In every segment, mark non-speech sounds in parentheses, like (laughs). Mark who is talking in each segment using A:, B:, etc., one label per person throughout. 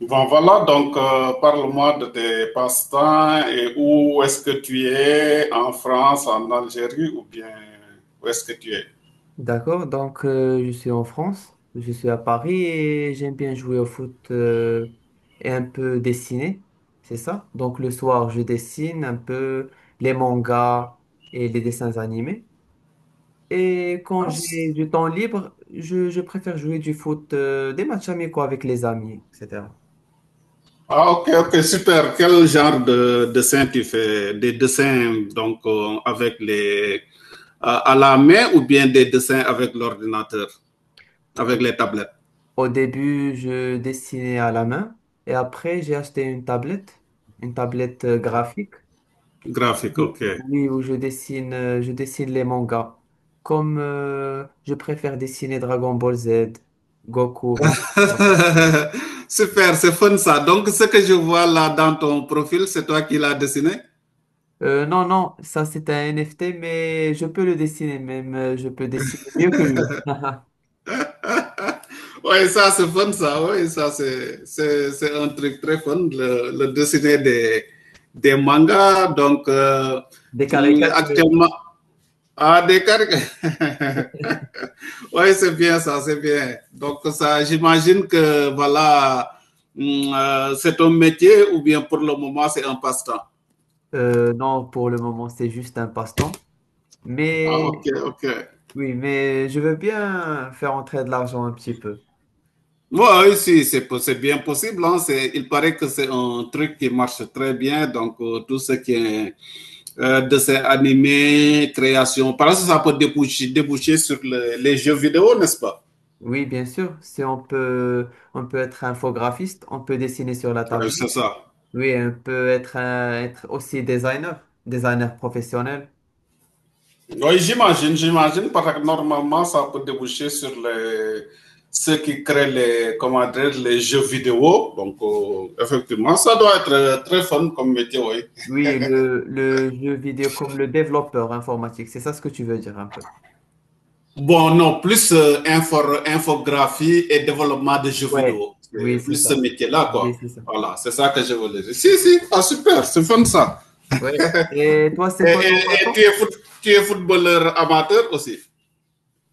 A: Bon, voilà, donc parle-moi de tes passe-temps et où est-ce que tu es, en France, en Algérie ou bien où est-ce que tu es?
B: D'accord, je suis en France, je suis à Paris et j'aime bien jouer au foot, et un peu dessiner, c'est ça? Donc le soir, je dessine un peu les mangas et les dessins animés. Et quand
A: Ah,
B: j'ai du temps libre, je préfère jouer du foot, des matchs amicaux avec les amis, etc.
A: ah, ok, ok, super. Quel genre de dessin tu fais? Des dessins donc avec les à la main ou bien des dessins avec l'ordinateur,
B: Au
A: avec les tablettes
B: au début, je dessinais à la main et après, j'ai acheté une tablette graphique.
A: graphiques, ok.
B: Oui, où je dessine les mangas. Comme Je préfère dessiner Dragon Ball Z, Goku, Vegeta.
A: (laughs) Super, c'est fun ça. Donc ce que je vois là dans ton profil, c'est toi qui l'as dessiné?
B: Non, non, ça c'est un NFT, mais je peux le dessiner même. Je peux dessiner mieux que lui. (laughs)
A: Oui, ça c'est fun, ça, oui, ça c'est un truc très fun, le dessiner des mangas. Donc,
B: Des caricatures.
A: actuellement, ah, des caricatures. (laughs) Oui, c'est bien ça, c'est bien. Donc, ça, j'imagine que, voilà, c'est un métier ou bien pour le moment, c'est un passe-temps.
B: Non, pour le moment, c'est juste un passe-temps.
A: Ah,
B: Mais
A: ok, ok.
B: oui, mais je veux bien faire entrer de l'argent un petit peu.
A: Ouais, oui, si, c'est bien possible, hein. Il paraît que c'est un truc qui marche très bien. Donc, tout ce qui est de ces animés, créations. Par exemple, ça peut déboucher sur les jeux vidéo, n'est-ce pas?
B: Oui, bien sûr. Si on peut, on peut être infographiste, on peut dessiner sur la
A: Oui, c'est
B: table.
A: ça.
B: Oui, on peut être, être aussi designer, designer professionnel.
A: Oui, j'imagine, j'imagine, parce que normalement, ça peut déboucher sur ceux qui créent les, comment dire, les jeux vidéo. Donc, effectivement, ça doit être très fun comme métier, oui.
B: Oui, le jeu vidéo comme le développeur informatique, c'est ça ce que tu veux dire un peu.
A: Bon, non, plus infographie et développement de jeux
B: Ouais,
A: vidéo.
B: oui, c'est
A: Plus ce
B: ça.
A: métier-là,
B: Oui,
A: quoi.
B: c'est ça.
A: Voilà, c'est ça que je voulais dire. Si, si, ah, super, c'est fun ça.
B: Ouais. Et toi, c'est
A: Et,
B: quoi ton
A: et-
B: passé?
A: et tu es footballeur amateur aussi?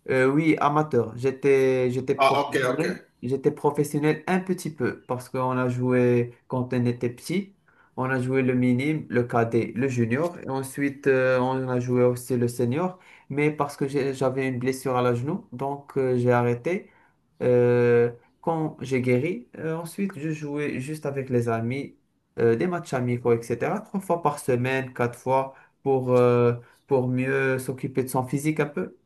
B: Oui, amateur. J'étais
A: Ah, ok, ok.
B: professionnel. J'étais professionnel un petit peu parce qu'on a joué quand on était petit. On a joué le minime, le cadet, le junior. Et ensuite, on a joué aussi le senior. Mais parce que j'avais une blessure à la genou, j'ai arrêté. Euh, quand j'ai guéri, ensuite, je jouais juste avec les amis, des matchs amicaux, etc. Trois fois par semaine, quatre fois pour, euh, pour mieux s'occuper de son physique un peu.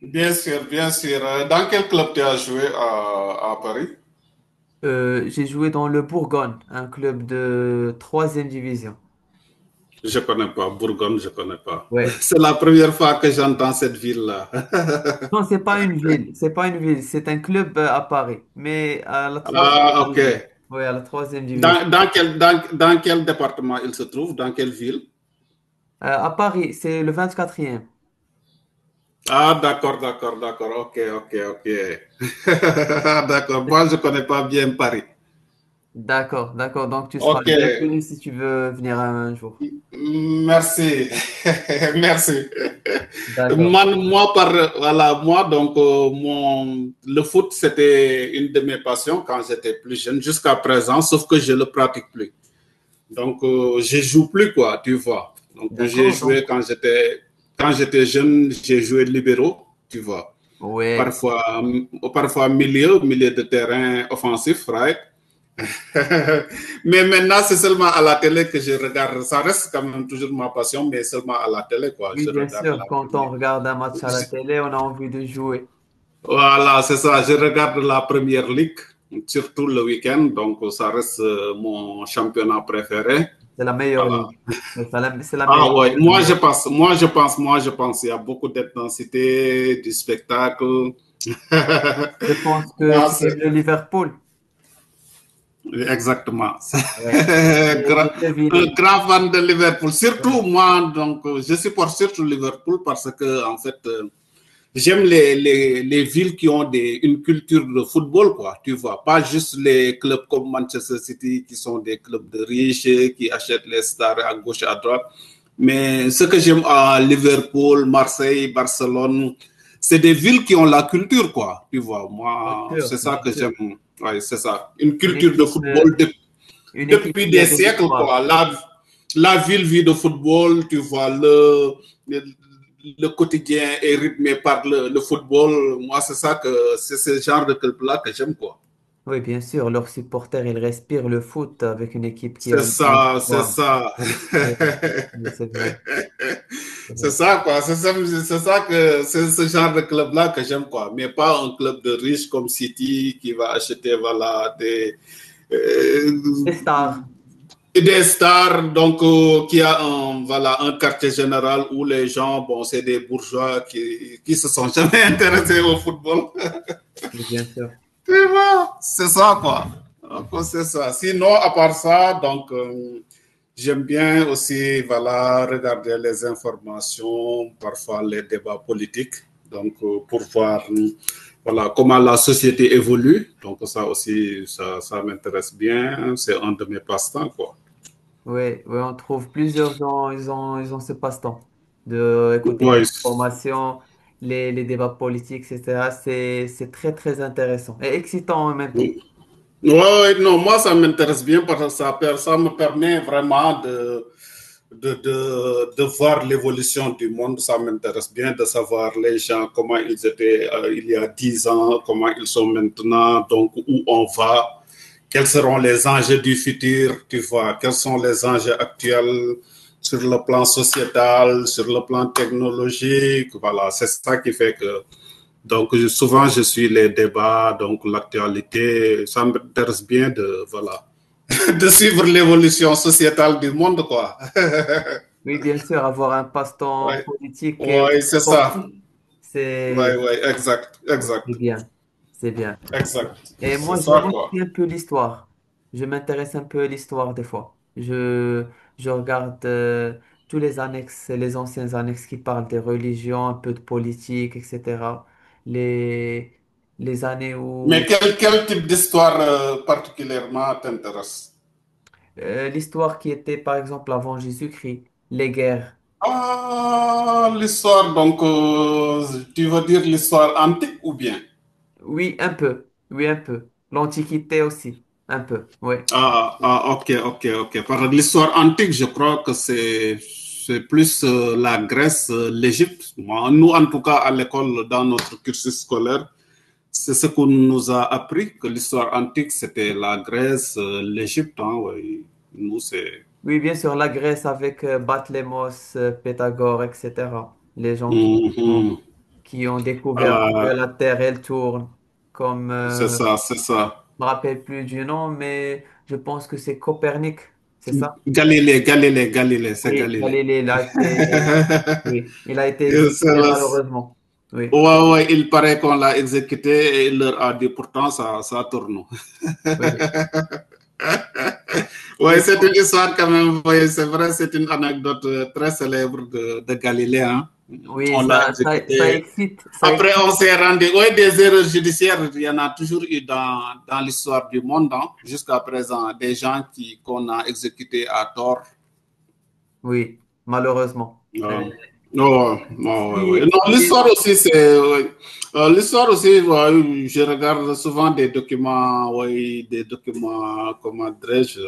A: Bien sûr, bien sûr. Dans quel club tu as joué à Paris?
B: J'ai joué dans le Bourgogne, un club de troisième division.
A: Je ne connais pas. Bourgogne, je ne connais pas. (laughs)
B: Ouais.
A: C'est la première fois que j'entends cette ville-là. (laughs)
B: Non, c'est pas une ville, c'est pas une ville, c'est un club à Paris, mais à la troisième
A: Ah, ok.
B: division. Oui, à la troisième division.
A: Dans quel département il se trouve? Dans quelle ville?
B: À Paris, c'est le vingt-quatrième.
A: Ah, d'accord, d'accord, d'accord. Ok, ok, ok. (laughs) D'accord. Moi, je ne connais pas bien Paris.
B: D'accord, d'accord. Donc tu seras
A: Ok,
B: bienvenu si tu veux venir un jour.
A: merci, (laughs) merci.
B: D'accord.
A: Moi, voilà, moi, donc, le foot, c'était une de mes passions quand j'étais plus jeune, jusqu'à présent, sauf que je ne le pratique plus. Donc, je ne joue plus, quoi, tu vois. Donc, j'ai
B: D'accord,
A: joué
B: donc.
A: quand j'étais jeune, j'ai joué libéraux, tu vois.
B: Ouais.
A: Parfois, euh, parfois milieu de terrain offensif, right? (laughs) Mais maintenant, c'est seulement à la télé que je regarde. Ça reste quand même toujours ma passion, mais seulement à la télé, quoi.
B: Oui,
A: Je
B: bien
A: regarde
B: sûr,
A: la
B: quand on
A: première.
B: regarde un match à la
A: Je...
B: télé, on a envie de jouer.
A: Voilà, c'est ça. Je regarde la première ligue, surtout le week-end. Donc, ça reste mon championnat préféré.
B: C'est la meilleure
A: Voilà.
B: ligue. Mais c'est la
A: Ah
B: meilleure,
A: ouais,
B: c'est la
A: moi je
B: meilleure.
A: pense, moi je pense, moi je pense, il y a beaucoup d'intensité, du spectacle. (laughs)
B: Je pense que
A: Non,
B: tu
A: c'est
B: aimes le Liverpool.
A: exactement. (laughs)
B: Ouais. Et
A: Gra-
B: j'ai
A: un
B: deviné.
A: grand fan de Liverpool. Surtout
B: Oui,
A: moi, donc, je supporte surtout Liverpool parce que, en fait, j'aime villes qui ont une culture de football, quoi, tu vois. Pas juste les clubs comme Manchester City qui sont des clubs de riches, qui achètent les stars à gauche, à droite. Mais ce que j'aime à Liverpool, Marseille, Barcelone, c'est des villes qui ont la culture, quoi, tu vois.
B: bien
A: Moi,
B: sûr,
A: c'est ça
B: bien
A: que
B: sûr.
A: j'aime. Ouais, c'est ça. Une
B: Une
A: culture de
B: équipe, euh,
A: football, de
B: une équipe
A: depuis
B: qui a
A: des
B: de
A: siècles,
B: l'histoire.
A: quoi. La ville vit de football, tu vois, le, le quotidien est rythmé par le football. Moi, c'est ça que c'est ce genre de club-là que j'aime, quoi.
B: Oui, bien sûr. Leurs supporters, ils respirent le foot avec une équipe qui a
A: C'est
B: une grande
A: ça, c'est
B: histoire.
A: ça.
B: Oui, oui, oui, c'est vrai, c'est
A: (laughs) C'est
B: vrai.
A: ça, quoi. C'est ça que c'est ce genre de club-là que j'aime, quoi. Mais pas un club de riches comme City qui va acheter, voilà, euh,
B: Les stars,
A: des stars, donc qui a un, voilà, un quartier général où les gens, bon, c'est des bourgeois qui se sont (laughs) jamais intéressés au football.
B: oui, bien sûr.
A: Tu vois, c'est ça, quoi. Donc, c'est ça. Sinon, à part ça, donc, j'aime bien aussi, voilà, regarder les informations, parfois les débats politiques, donc, pour voir, voilà, comment la société évolue. Donc, ça aussi, ça m'intéresse bien. C'est un de mes passe-temps, quoi.
B: Oui, oui, on trouve plusieurs gens, ils ont ce passe-temps de écouter les
A: Ouais,
B: informations, les débats politiques, etc. C'est très, très intéressant et excitant en même temps.
A: ouais, ouais, non, moi, ça m'intéresse bien parce que ça me permet vraiment de voir l'évolution du monde. Ça m'intéresse bien de savoir les gens, comment ils étaient il y a 10 ans, comment ils sont maintenant, donc où on va, quels seront les enjeux du futur, tu vois, quels sont les enjeux actuels sur le plan sociétal, sur le plan technologique. Voilà, c'est ça qui fait que donc, souvent, je suis les débats, donc l'actualité. Ça m'intéresse bien voilà. (laughs) De suivre l'évolution sociétale du monde, quoi.
B: Oui, bien sûr, avoir un
A: (laughs)
B: passe-temps
A: Ouais,
B: politique et aussi
A: ouais, c'est ça.
B: sportif,
A: Ouais,
B: c'est
A: ouais, exact,
B: oui, c'est
A: exact,
B: bien, c'est bien.
A: exact.
B: Et
A: C'est
B: moi,
A: ça,
B: j'aime aussi
A: quoi.
B: un peu l'histoire. Je m'intéresse un peu à l'histoire des fois. Je regarde tous les annexes, les anciens annexes qui parlent des religions, un peu de politique, etc. Les, les années
A: Mais
B: où
A: quel type d'histoire particulièrement t'intéresse?
B: l'histoire qui était, par exemple, avant Jésus-Christ, les guerres.
A: Ah, l'histoire, donc, tu veux dire l'histoire antique ou bien?
B: Oui, un peu, oui, un peu. L'Antiquité aussi, un peu, oui.
A: Ah, ah, ok, ok, ok. Par l'histoire antique, je crois que c'est plus la Grèce, l'Égypte. Nous, en tout cas, à l'école, dans notre cursus scolaire, c'est ce qu'on nous a appris, que l'histoire antique, c'était la Grèce, l'Égypte, hein, ouais. Nous, c'est...
B: Oui, bien sûr, la Grèce avec Batlémos, Pythagore, etc. Les gens ont,
A: Mhm.
B: qui ont découvert que
A: Voilà,
B: la Terre, elle tourne, comme,
A: c'est
B: euh, je
A: ça, c'est ça.
B: me rappelle plus du nom, mais je pense que c'est Copernic, c'est ça?
A: Galilée, Galilée, Galilée, c'est
B: Oui,
A: Galilée.
B: Galilée, il a
A: (laughs)
B: été, oui, il a été
A: Et c'est
B: exécuté
A: là-
B: malheureusement. Oui,
A: Ouais, ouais, il paraît qu'on l'a exécuté et il leur a dit pourtant ça tourne.
B: oui,
A: (laughs) Ouais,
B: oui,
A: c'est
B: bon.
A: une histoire quand même, ouais, c'est vrai, c'est une anecdote très célèbre de Galilée, hein.
B: Oui,
A: On l'a exécuté.
B: ça
A: Après,
B: excite,
A: on s'est rendu. Oui, des erreurs judiciaires, il y en a toujours eu dans, dans l'histoire du monde, hein. Jusqu'à présent, des gens qui qu'on a exécutés à tort?
B: oui, malheureusement. Mais-
A: Non, non, non, ouais, ouais.
B: oui,
A: Non,
B: oui,
A: l'histoire
B: non.
A: aussi, c'est, ouais. L'histoire aussi, ouais, je regarde souvent des documents, ouais, des documents, comment dirais-je,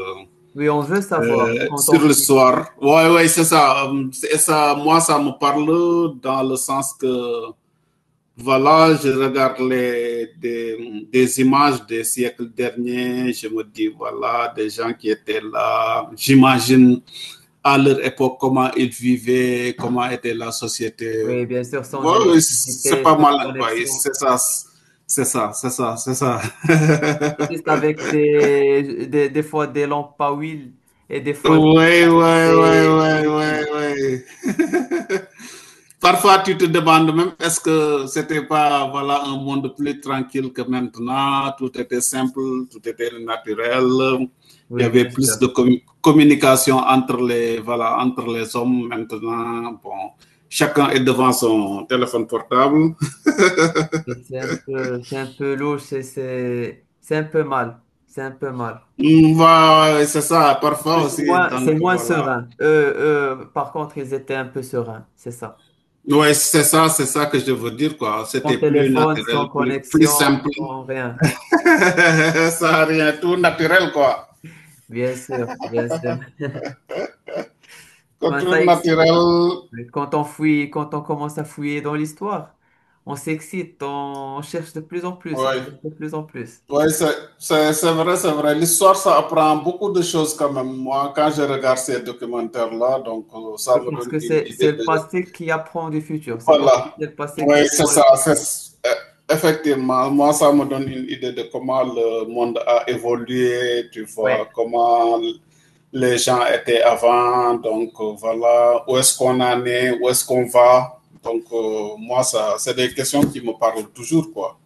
B: Oui, on veut savoir quand on
A: sur
B: fait.
A: l'histoire. Ouais, ouais, c'est ça. C'est ça. Moi, ça me parle dans le sens que voilà, je regarde des images des siècles derniers. Je me dis, voilà, des gens qui étaient là. J'imagine à leur époque comment ils vivaient, comment était la société.
B: Oui, bien sûr, sans
A: Ouais, ouais, c'est
B: électricité,
A: pas
B: sans
A: mal, hein, ouais,
B: connexion.
A: c'est ça, c'est ça, c'est ça, c'est ça. (laughs)
B: Juste avec des fois des lampes à huile et des fois juste
A: Oui, oui, oui, oui,
B: des
A: oui,
B: bougies.
A: oui. (laughs) Parfois, tu te demandes même, est-ce que c'était pas voilà un monde plus tranquille que maintenant? Tout était simple, tout était naturel. Il y
B: Oui,
A: avait
B: bien
A: plus de
B: sûr.
A: communication entre les voilà entre les hommes maintenant. Bon, chacun est devant son téléphone portable.
B: Et c'est un peu, c'est un peu louche et c'est un peu mal. C'est un peu mal.
A: Mm, ouais, c'est ça. Parfois
B: Parce que
A: aussi, donc
B: c'est moins
A: voilà.
B: serein. Eux, par contre, ils étaient un peu sereins, c'est ça.
A: Ouais, c'est ça que je veux dire quoi.
B: Sans
A: C'était plus
B: téléphone, sans
A: naturel, plus
B: connexion,
A: simple.
B: sans rien.
A: (laughs) Ça a rien, tout naturel quoi.
B: Bien sûr, bien sûr. Enfin, ça,
A: Culture
B: ex-
A: naturelle,
B: Mais quand on fouille, quand on commence à fouiller dans l'histoire, on s'excite, on cherche de plus en plus, on
A: oui.
B: cherche de plus en plus.
A: Oui, c'est vrai, c'est vrai. L'histoire, ça apprend beaucoup de choses quand même. Moi, quand je regarde ces documentaires-là, donc ça me
B: Parce
A: donne
B: que
A: une idée
B: c'est le
A: de...
B: passé qui apprend du futur. C'est comme si
A: Voilà.
B: c'est le passé qui
A: Oui, c'est
B: apprend
A: ça.
B: le futur.
A: Effectivement, moi, ça me donne une idée de comment le monde a évolué, tu
B: Ouais,
A: vois, comment les gens étaient avant, donc voilà, où est-ce qu'on en est, où est-ce qu'on va. Donc, moi, ça, c'est des questions qui me parlent toujours, quoi.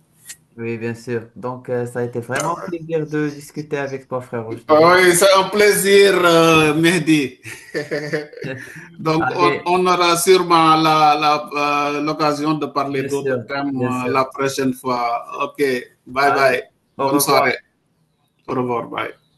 B: oui, bien sûr. Ça a été
A: Ben,
B: vraiment un plaisir de discuter avec toi, frère, je te jure.
A: oui, c'est un plaisir, Mehdi. (laughs)
B: (laughs)
A: Donc,
B: Allez,
A: aura sûrement l'occasion de parler
B: bien sûr,
A: d'autres thèmes
B: bien sûr.
A: la prochaine fois. OK, bye bye.
B: Allez, au
A: Bonne
B: revoir.
A: soirée. Au revoir, bye.